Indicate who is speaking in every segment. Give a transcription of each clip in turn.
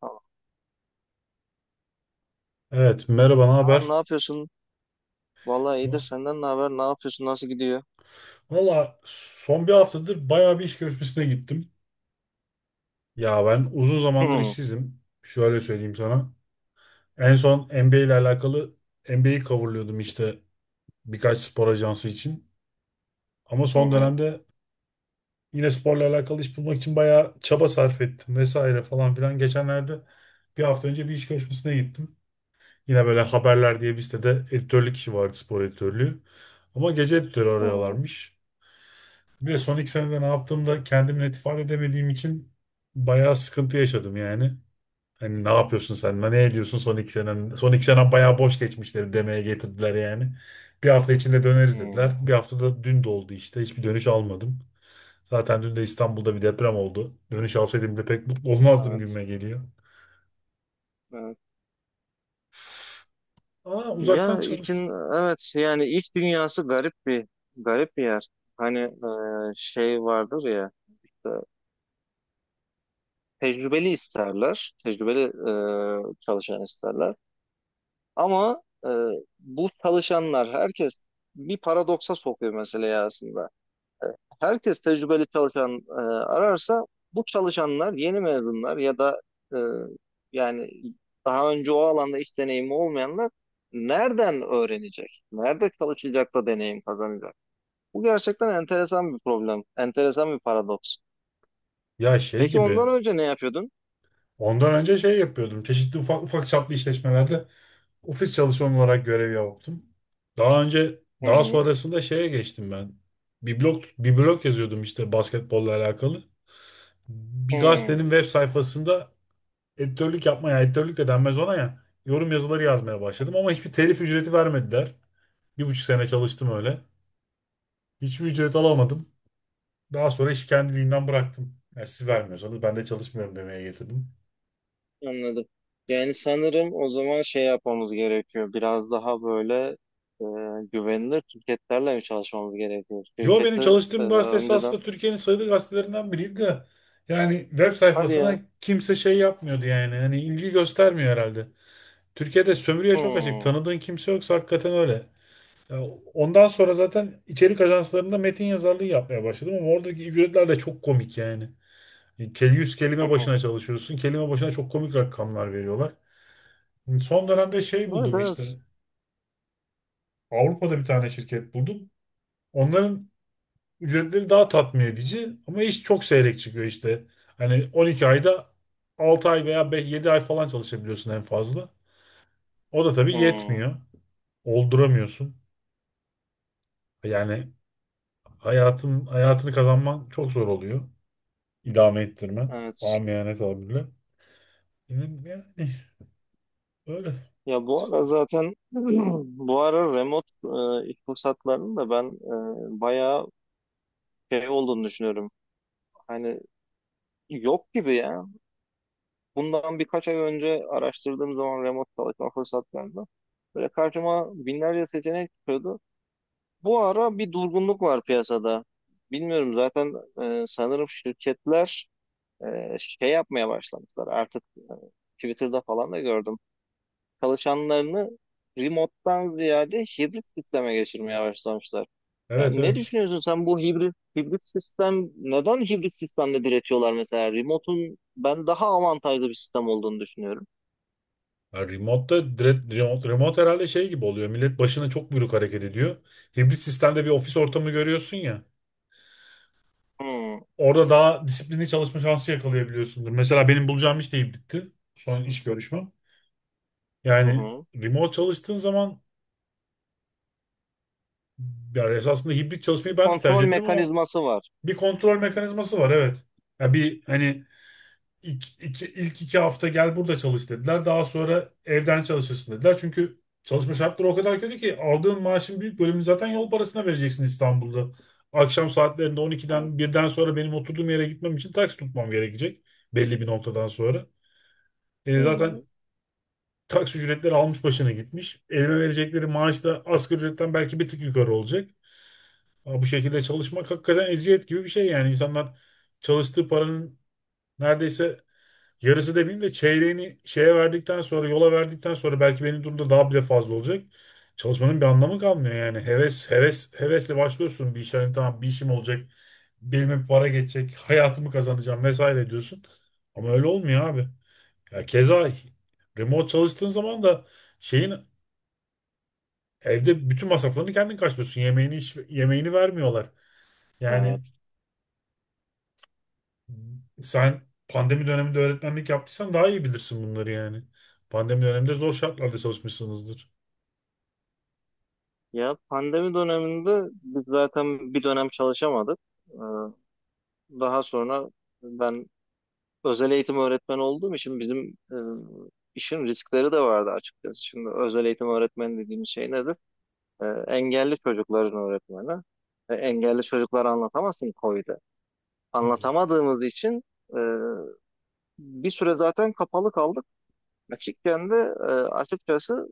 Speaker 1: Tamam.
Speaker 2: Evet, merhaba, ne
Speaker 1: Aa,
Speaker 2: haber?
Speaker 1: ne yapıyorsun? Vallahi iyidir senden ne haber? Ne yapıyorsun? Nasıl gidiyor?
Speaker 2: Valla son bir haftadır bayağı bir iş görüşmesine gittim. Ya ben uzun
Speaker 1: Hı
Speaker 2: zamandır
Speaker 1: hı
Speaker 2: işsizim. Şöyle söyleyeyim sana. En son NBA ile alakalı NBA'yi coverlıyordum işte birkaç spor ajansı için. Ama son
Speaker 1: hı
Speaker 2: dönemde yine sporla alakalı iş bulmak için bayağı çaba sarf ettim vesaire falan filan. Geçenlerde bir hafta önce bir iş görüşmesine gittim. Yine böyle haberler diye bir sitede editörlük işi vardı, spor editörlüğü. Ama gece editörü
Speaker 1: hı.
Speaker 2: arıyorlarmış. Bir de son iki senede ne yaptığımda kendimi net ifade edemediğim için bayağı sıkıntı yaşadım yani. Hani ne yapıyorsun sen? Ne ediyorsun son iki senen? Son iki senen bayağı boş geçmişleri demeye getirdiler yani. Bir hafta içinde döneriz dediler.
Speaker 1: Hı.
Speaker 2: Bir haftada dün de oldu işte. Hiçbir dönüş almadım. Zaten dün de İstanbul'da bir deprem oldu. Dönüş alsaydım bile pek mutlu olmazdım
Speaker 1: Evet,
Speaker 2: gibime geliyor.
Speaker 1: evet.
Speaker 2: Üf. Aa, uzaktan
Speaker 1: Ya
Speaker 2: çalış.
Speaker 1: işin evet yani iş dünyası garip bir yer. Hani şey vardır ya işte tecrübeli isterler, tecrübeli çalışan isterler. Ama bu çalışanlar herkes bir paradoksa sokuyor meseleyi aslında. Herkes tecrübeli çalışan ararsa bu çalışanlar yeni mezunlar ya da e, yani daha önce o alanda iş deneyimi olmayanlar nereden öğrenecek? Nerede çalışacak da deneyim kazanacak? Bu gerçekten enteresan bir problem, enteresan bir paradoks.
Speaker 2: Ya şey
Speaker 1: Peki ondan
Speaker 2: gibi.
Speaker 1: önce ne yapıyordun?
Speaker 2: Ondan önce şey yapıyordum. Çeşitli ufak ufak çaplı işletmelerde ofis çalışanı olarak görev yaptım. Daha önce
Speaker 1: Hı
Speaker 2: daha
Speaker 1: hı.
Speaker 2: sonrasında şeye geçtim ben. Bir blog yazıyordum işte basketbolla alakalı. Bir
Speaker 1: Hı.
Speaker 2: gazetenin web sayfasında editörlük yapmaya, yani editörlük de denmez ona ya. Yorum yazıları yazmaya başladım ama hiçbir telif ücreti vermediler. Bir buçuk sene çalıştım öyle. Hiçbir ücret alamadım. Daha sonra işi kendiliğinden bıraktım. Yani siz vermiyorsanız ben de çalışmıyorum demeye getirdim.
Speaker 1: Anladım. Yani sanırım o zaman şey yapmamız gerekiyor. Biraz daha böyle güvenilir şirketlerle mi çalışmamız gerekiyor?
Speaker 2: Yo, benim
Speaker 1: Şirketi
Speaker 2: çalıştığım gazete
Speaker 1: önceden.
Speaker 2: esasında Türkiye'nin sayılı gazetelerinden biriydi de. Yani web
Speaker 1: Hadi
Speaker 2: sayfasına
Speaker 1: ya.
Speaker 2: kimse şey yapmıyordu yani. Hani ilgi göstermiyor herhalde. Türkiye'de sömürüye çok açık.
Speaker 1: Hmm.
Speaker 2: Tanıdığın kimse yoksa hakikaten öyle. Ya, ondan sonra zaten içerik ajanslarında metin yazarlığı yapmaya başladım ama oradaki ücretler de çok komik yani. Yüz kelime başına çalışıyorsun. Kelime başına çok komik rakamlar veriyorlar. Son dönemde şey
Speaker 1: Evet
Speaker 2: buldum işte.
Speaker 1: evet.
Speaker 2: Avrupa'da bir tane şirket buldum. Onların ücretleri daha tatmin edici ama iş çok seyrek çıkıyor işte. Hani 12 ayda 6 ay veya 7 ay falan çalışabiliyorsun en fazla. O da tabii
Speaker 1: Hmm.
Speaker 2: yetmiyor. Olduramıyorsun. Yani hayatını kazanman çok zor oluyor. İdame ettirmen.
Speaker 1: Evet.
Speaker 2: Amiyane tabirle. Yani öyle.
Speaker 1: Ya bu ara zaten bu ara remote iş fırsatlarının da ben bayağı şey olduğunu düşünüyorum. Hani yok gibi ya. Bundan birkaç ay önce araştırdığım zaman remote çalışma fırsatlarında böyle karşıma binlerce seçenek çıkıyordu. Bu ara bir durgunluk var piyasada. Bilmiyorum zaten sanırım şirketler şey yapmaya başlamışlar. Artık Twitter'da falan da gördüm çalışanlarını remote'dan ziyade hibrit sisteme geçirmeye başlamışlar.
Speaker 2: Evet,
Speaker 1: Yani ne
Speaker 2: evet.
Speaker 1: düşünüyorsun sen, bu hibrit sistem, neden hibrit sistemde diretiyorlar mesela? Remote'un ben daha avantajlı bir sistem olduğunu düşünüyorum.
Speaker 2: Ya remote'da direkt, remote herhalde şey gibi oluyor. Millet başına çok buyruk hareket ediyor. Hibrit sistemde bir ofis ortamı görüyorsun ya.
Speaker 1: Hmm,
Speaker 2: Orada daha disiplinli çalışma şansı yakalayabiliyorsundur. Mesela benim bulacağım iş deyip bitti. Son iş görüşmem.
Speaker 1: hı
Speaker 2: Yani
Speaker 1: hı.
Speaker 2: remote çalıştığın zaman, yani esasında hibrit
Speaker 1: Bir
Speaker 2: çalışmayı ben de tercih
Speaker 1: kontrol
Speaker 2: ederim ama
Speaker 1: mekanizması var.
Speaker 2: bir kontrol mekanizması var, evet. Ya bir hani, ilk iki hafta gel burada çalış dediler. Daha sonra evden çalışırsın dediler. Çünkü çalışma şartları o kadar kötü ki aldığın maaşın büyük bölümünü zaten yol parasına vereceksin İstanbul'da. Akşam saatlerinde
Speaker 1: Evet.
Speaker 2: 12'den birden sonra benim oturduğum yere gitmem için taksi tutmam gerekecek belli bir noktadan sonra.
Speaker 1: Hı
Speaker 2: Zaten
Speaker 1: hı,
Speaker 2: taksi ücretleri almış başına gitmiş. Elime verecekleri maaş da asgari ücretten belki bir tık yukarı olacak. Ama bu şekilde çalışmak hakikaten eziyet gibi bir şey yani. İnsanlar çalıştığı paranın neredeyse yarısı demeyeyim de çeyreğini şeye verdikten sonra, yola verdikten sonra, belki benim durumda daha bile fazla olacak. Çalışmanın bir anlamı kalmıyor yani. Hevesle başlıyorsun bir işe. Hani tamam, bir işim olacak, belime bir para geçecek, hayatımı kazanacağım vesaire diyorsun. Ama öyle olmuyor abi. Ya keza remote çalıştığın zaman da şeyin, evde bütün masraflarını kendin karşılıyorsun. Yemeğini vermiyorlar. Yani
Speaker 1: evet.
Speaker 2: sen pandemi döneminde öğretmenlik yaptıysan daha iyi bilirsin bunları yani. Pandemi döneminde zor şartlarda çalışmışsınızdır.
Speaker 1: Ya pandemi döneminde biz zaten bir dönem çalışamadık. Ee, Daha sonra ben özel eğitim öğretmeni olduğum için bizim işin riskleri de vardı açıkçası. Şimdi özel eğitim öğretmeni dediğimiz şey nedir? Engelli çocukların öğretmeni. Engelli çocukları anlatamazsın koyda.
Speaker 2: Tabii canım.
Speaker 1: Anlatamadığımız için e, bir süre zaten kapalı kaldık. Açıkken de açıkçası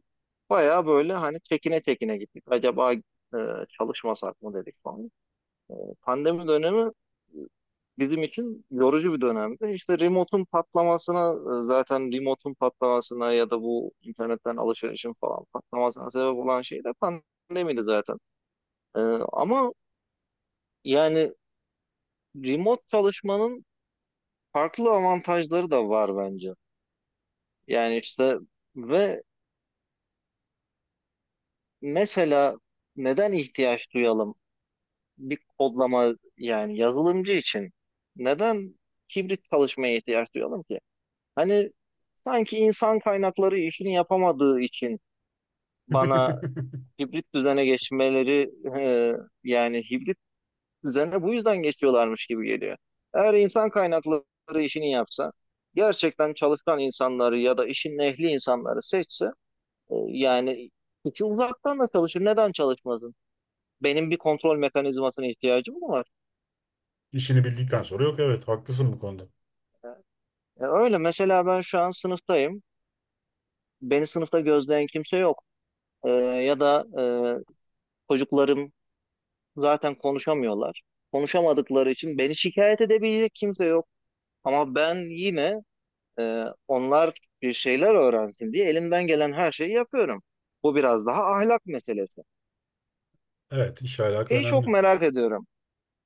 Speaker 1: bayağı böyle hani çekine çekine gittik. Acaba çalışmasak mı dedik falan. E, Pandemi dönemi e, bizim için yorucu bir dönemdi. İşte remote'un patlamasına ya da bu internetten alışverişin falan patlamasına sebep olan şey de pandemiydi zaten. E, ama yani remote çalışmanın farklı avantajları da var bence. Yani işte ve mesela neden ihtiyaç duyalım, bir kodlama yani yazılımcı için neden hibrit çalışmaya ihtiyaç duyalım ki? Hani sanki insan kaynakları işini yapamadığı için bana hibrit düzene geçmeleri, e, yani hibrit düzene bu yüzden geçiyorlarmış gibi geliyor. Eğer insan kaynakları işini yapsa, gerçekten çalışkan insanları ya da işin ehli insanları seçse, yani kişi uzaktan da çalışır. Neden çalışmasın? Benim bir kontrol mekanizmasına ihtiyacım mı var?
Speaker 2: İşini bildikten sonra yok, evet, haklısın bu konuda.
Speaker 1: Öyle mesela ben şu an sınıftayım. Beni sınıfta gözleyen kimse yok. Ya da çocuklarım zaten konuşamıyorlar. Konuşamadıkları için beni şikayet edebilecek kimse yok. Ama ben yine onlar bir şeyler öğrensin diye elimden gelen her şeyi yapıyorum. Bu biraz daha ahlak meselesi.
Speaker 2: Evet, iş alaka
Speaker 1: Şeyi çok
Speaker 2: önemli.
Speaker 1: merak ediyorum.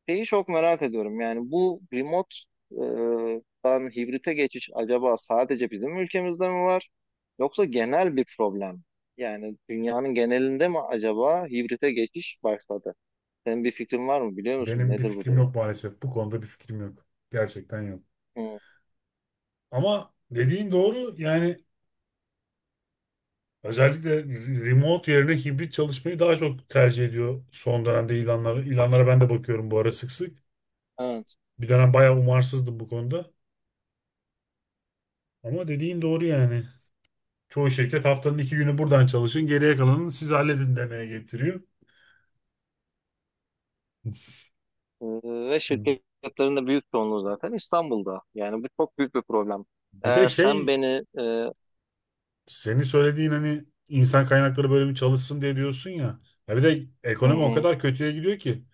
Speaker 1: Şeyi çok merak ediyorum. Yani bu remote dan hibrite geçiş acaba sadece bizim ülkemizde mi var? Yoksa genel bir problem mi? Yani dünyanın genelinde mi acaba hibrite geçiş başladı? Senin bir fikrin var mı? Biliyor musun
Speaker 2: Benim bir
Speaker 1: nedir bu
Speaker 2: fikrim
Speaker 1: durum?
Speaker 2: yok maalesef. Bu konuda bir fikrim yok. Gerçekten yok.
Speaker 1: Hı,
Speaker 2: Ama dediğin doğru yani. Özellikle remote yerine hibrit çalışmayı daha çok tercih ediyor son dönemde ilanlara. İlanlara ben de bakıyorum bu ara sık sık.
Speaker 1: evet.
Speaker 2: Bir dönem bayağı umarsızdım bu konuda. Ama dediğin doğru yani. Çoğu şirket haftanın iki günü buradan çalışın, geriye kalanını siz halledin demeye getiriyor.
Speaker 1: Ve şirketlerin de büyük çoğunluğu zaten İstanbul'da. Yani bu çok büyük bir problem.
Speaker 2: Bir de
Speaker 1: Eğer sen
Speaker 2: şey,
Speaker 1: beni hı
Speaker 2: senin söylediğin, hani insan kaynakları bölümü çalışsın diye diyorsun ya. Ya bir de ekonomi o
Speaker 1: hı,
Speaker 2: kadar kötüye gidiyor ki.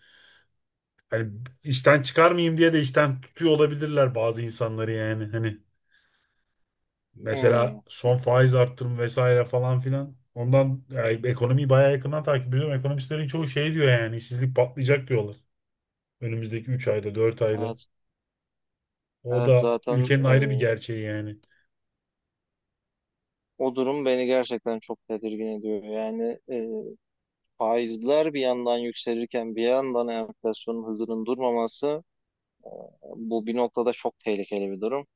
Speaker 2: Hani işten çıkarmayayım diye de işten tutuyor olabilirler bazı insanları yani. Hani mesela
Speaker 1: hı,
Speaker 2: son faiz arttırım vesaire falan filan. Ondan yani ekonomiyi bayağı yakından takip ediyorum. Ekonomistlerin çoğu şey diyor yani, işsizlik patlayacak diyorlar. Önümüzdeki 3 ayda, 4 ayda.
Speaker 1: evet,
Speaker 2: O
Speaker 1: evet
Speaker 2: da
Speaker 1: zaten
Speaker 2: ülkenin ayrı bir gerçeği yani.
Speaker 1: o durum beni gerçekten çok tedirgin ediyor. Yani faizler bir yandan yükselirken bir yandan enflasyonun hızının durmaması, e, bu bir noktada çok tehlikeli bir durum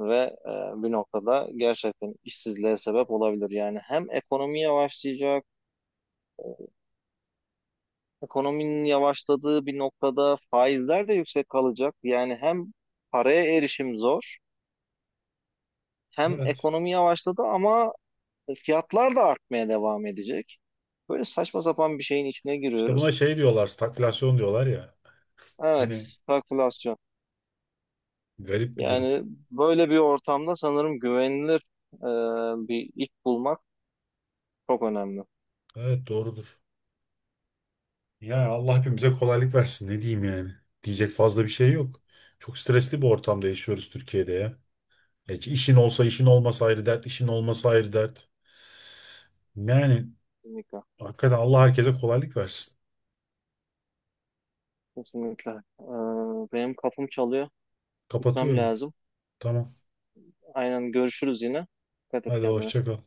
Speaker 1: ve bir noktada gerçekten işsizliğe sebep olabilir. Yani hem ekonomi yavaşlayacak. e, Ekonominin yavaşladığı bir noktada faizler de yüksek kalacak. Yani hem paraya erişim zor, hem
Speaker 2: Evet.
Speaker 1: ekonomi yavaşladı ama fiyatlar da artmaya devam edecek. Böyle saçma sapan bir şeyin içine
Speaker 2: İşte buna
Speaker 1: giriyoruz.
Speaker 2: şey diyorlar, stagflasyon diyorlar ya.
Speaker 1: Evet,
Speaker 2: Hani
Speaker 1: stagflasyon.
Speaker 2: garip bir durum.
Speaker 1: Yani böyle bir ortamda sanırım güvenilir e, bir iş bulmak çok önemli.
Speaker 2: Evet, doğrudur. Ya Allah hepimize kolaylık versin, ne diyeyim yani. Diyecek fazla bir şey yok. Çok stresli bir ortamda yaşıyoruz Türkiye'de ya. Hiç işin olsa işin olmasa ayrı dert, işin olmasa ayrı dert. Yani
Speaker 1: Kesinlikle.
Speaker 2: hakikaten Allah herkese kolaylık versin.
Speaker 1: Kesinlikle. E, benim kapım çalıyor. Gitmem
Speaker 2: Kapatıyorum.
Speaker 1: lazım.
Speaker 2: Tamam.
Speaker 1: Aynen görüşürüz yine. Dikkat et
Speaker 2: Hadi
Speaker 1: kendine.
Speaker 2: hoşça kal.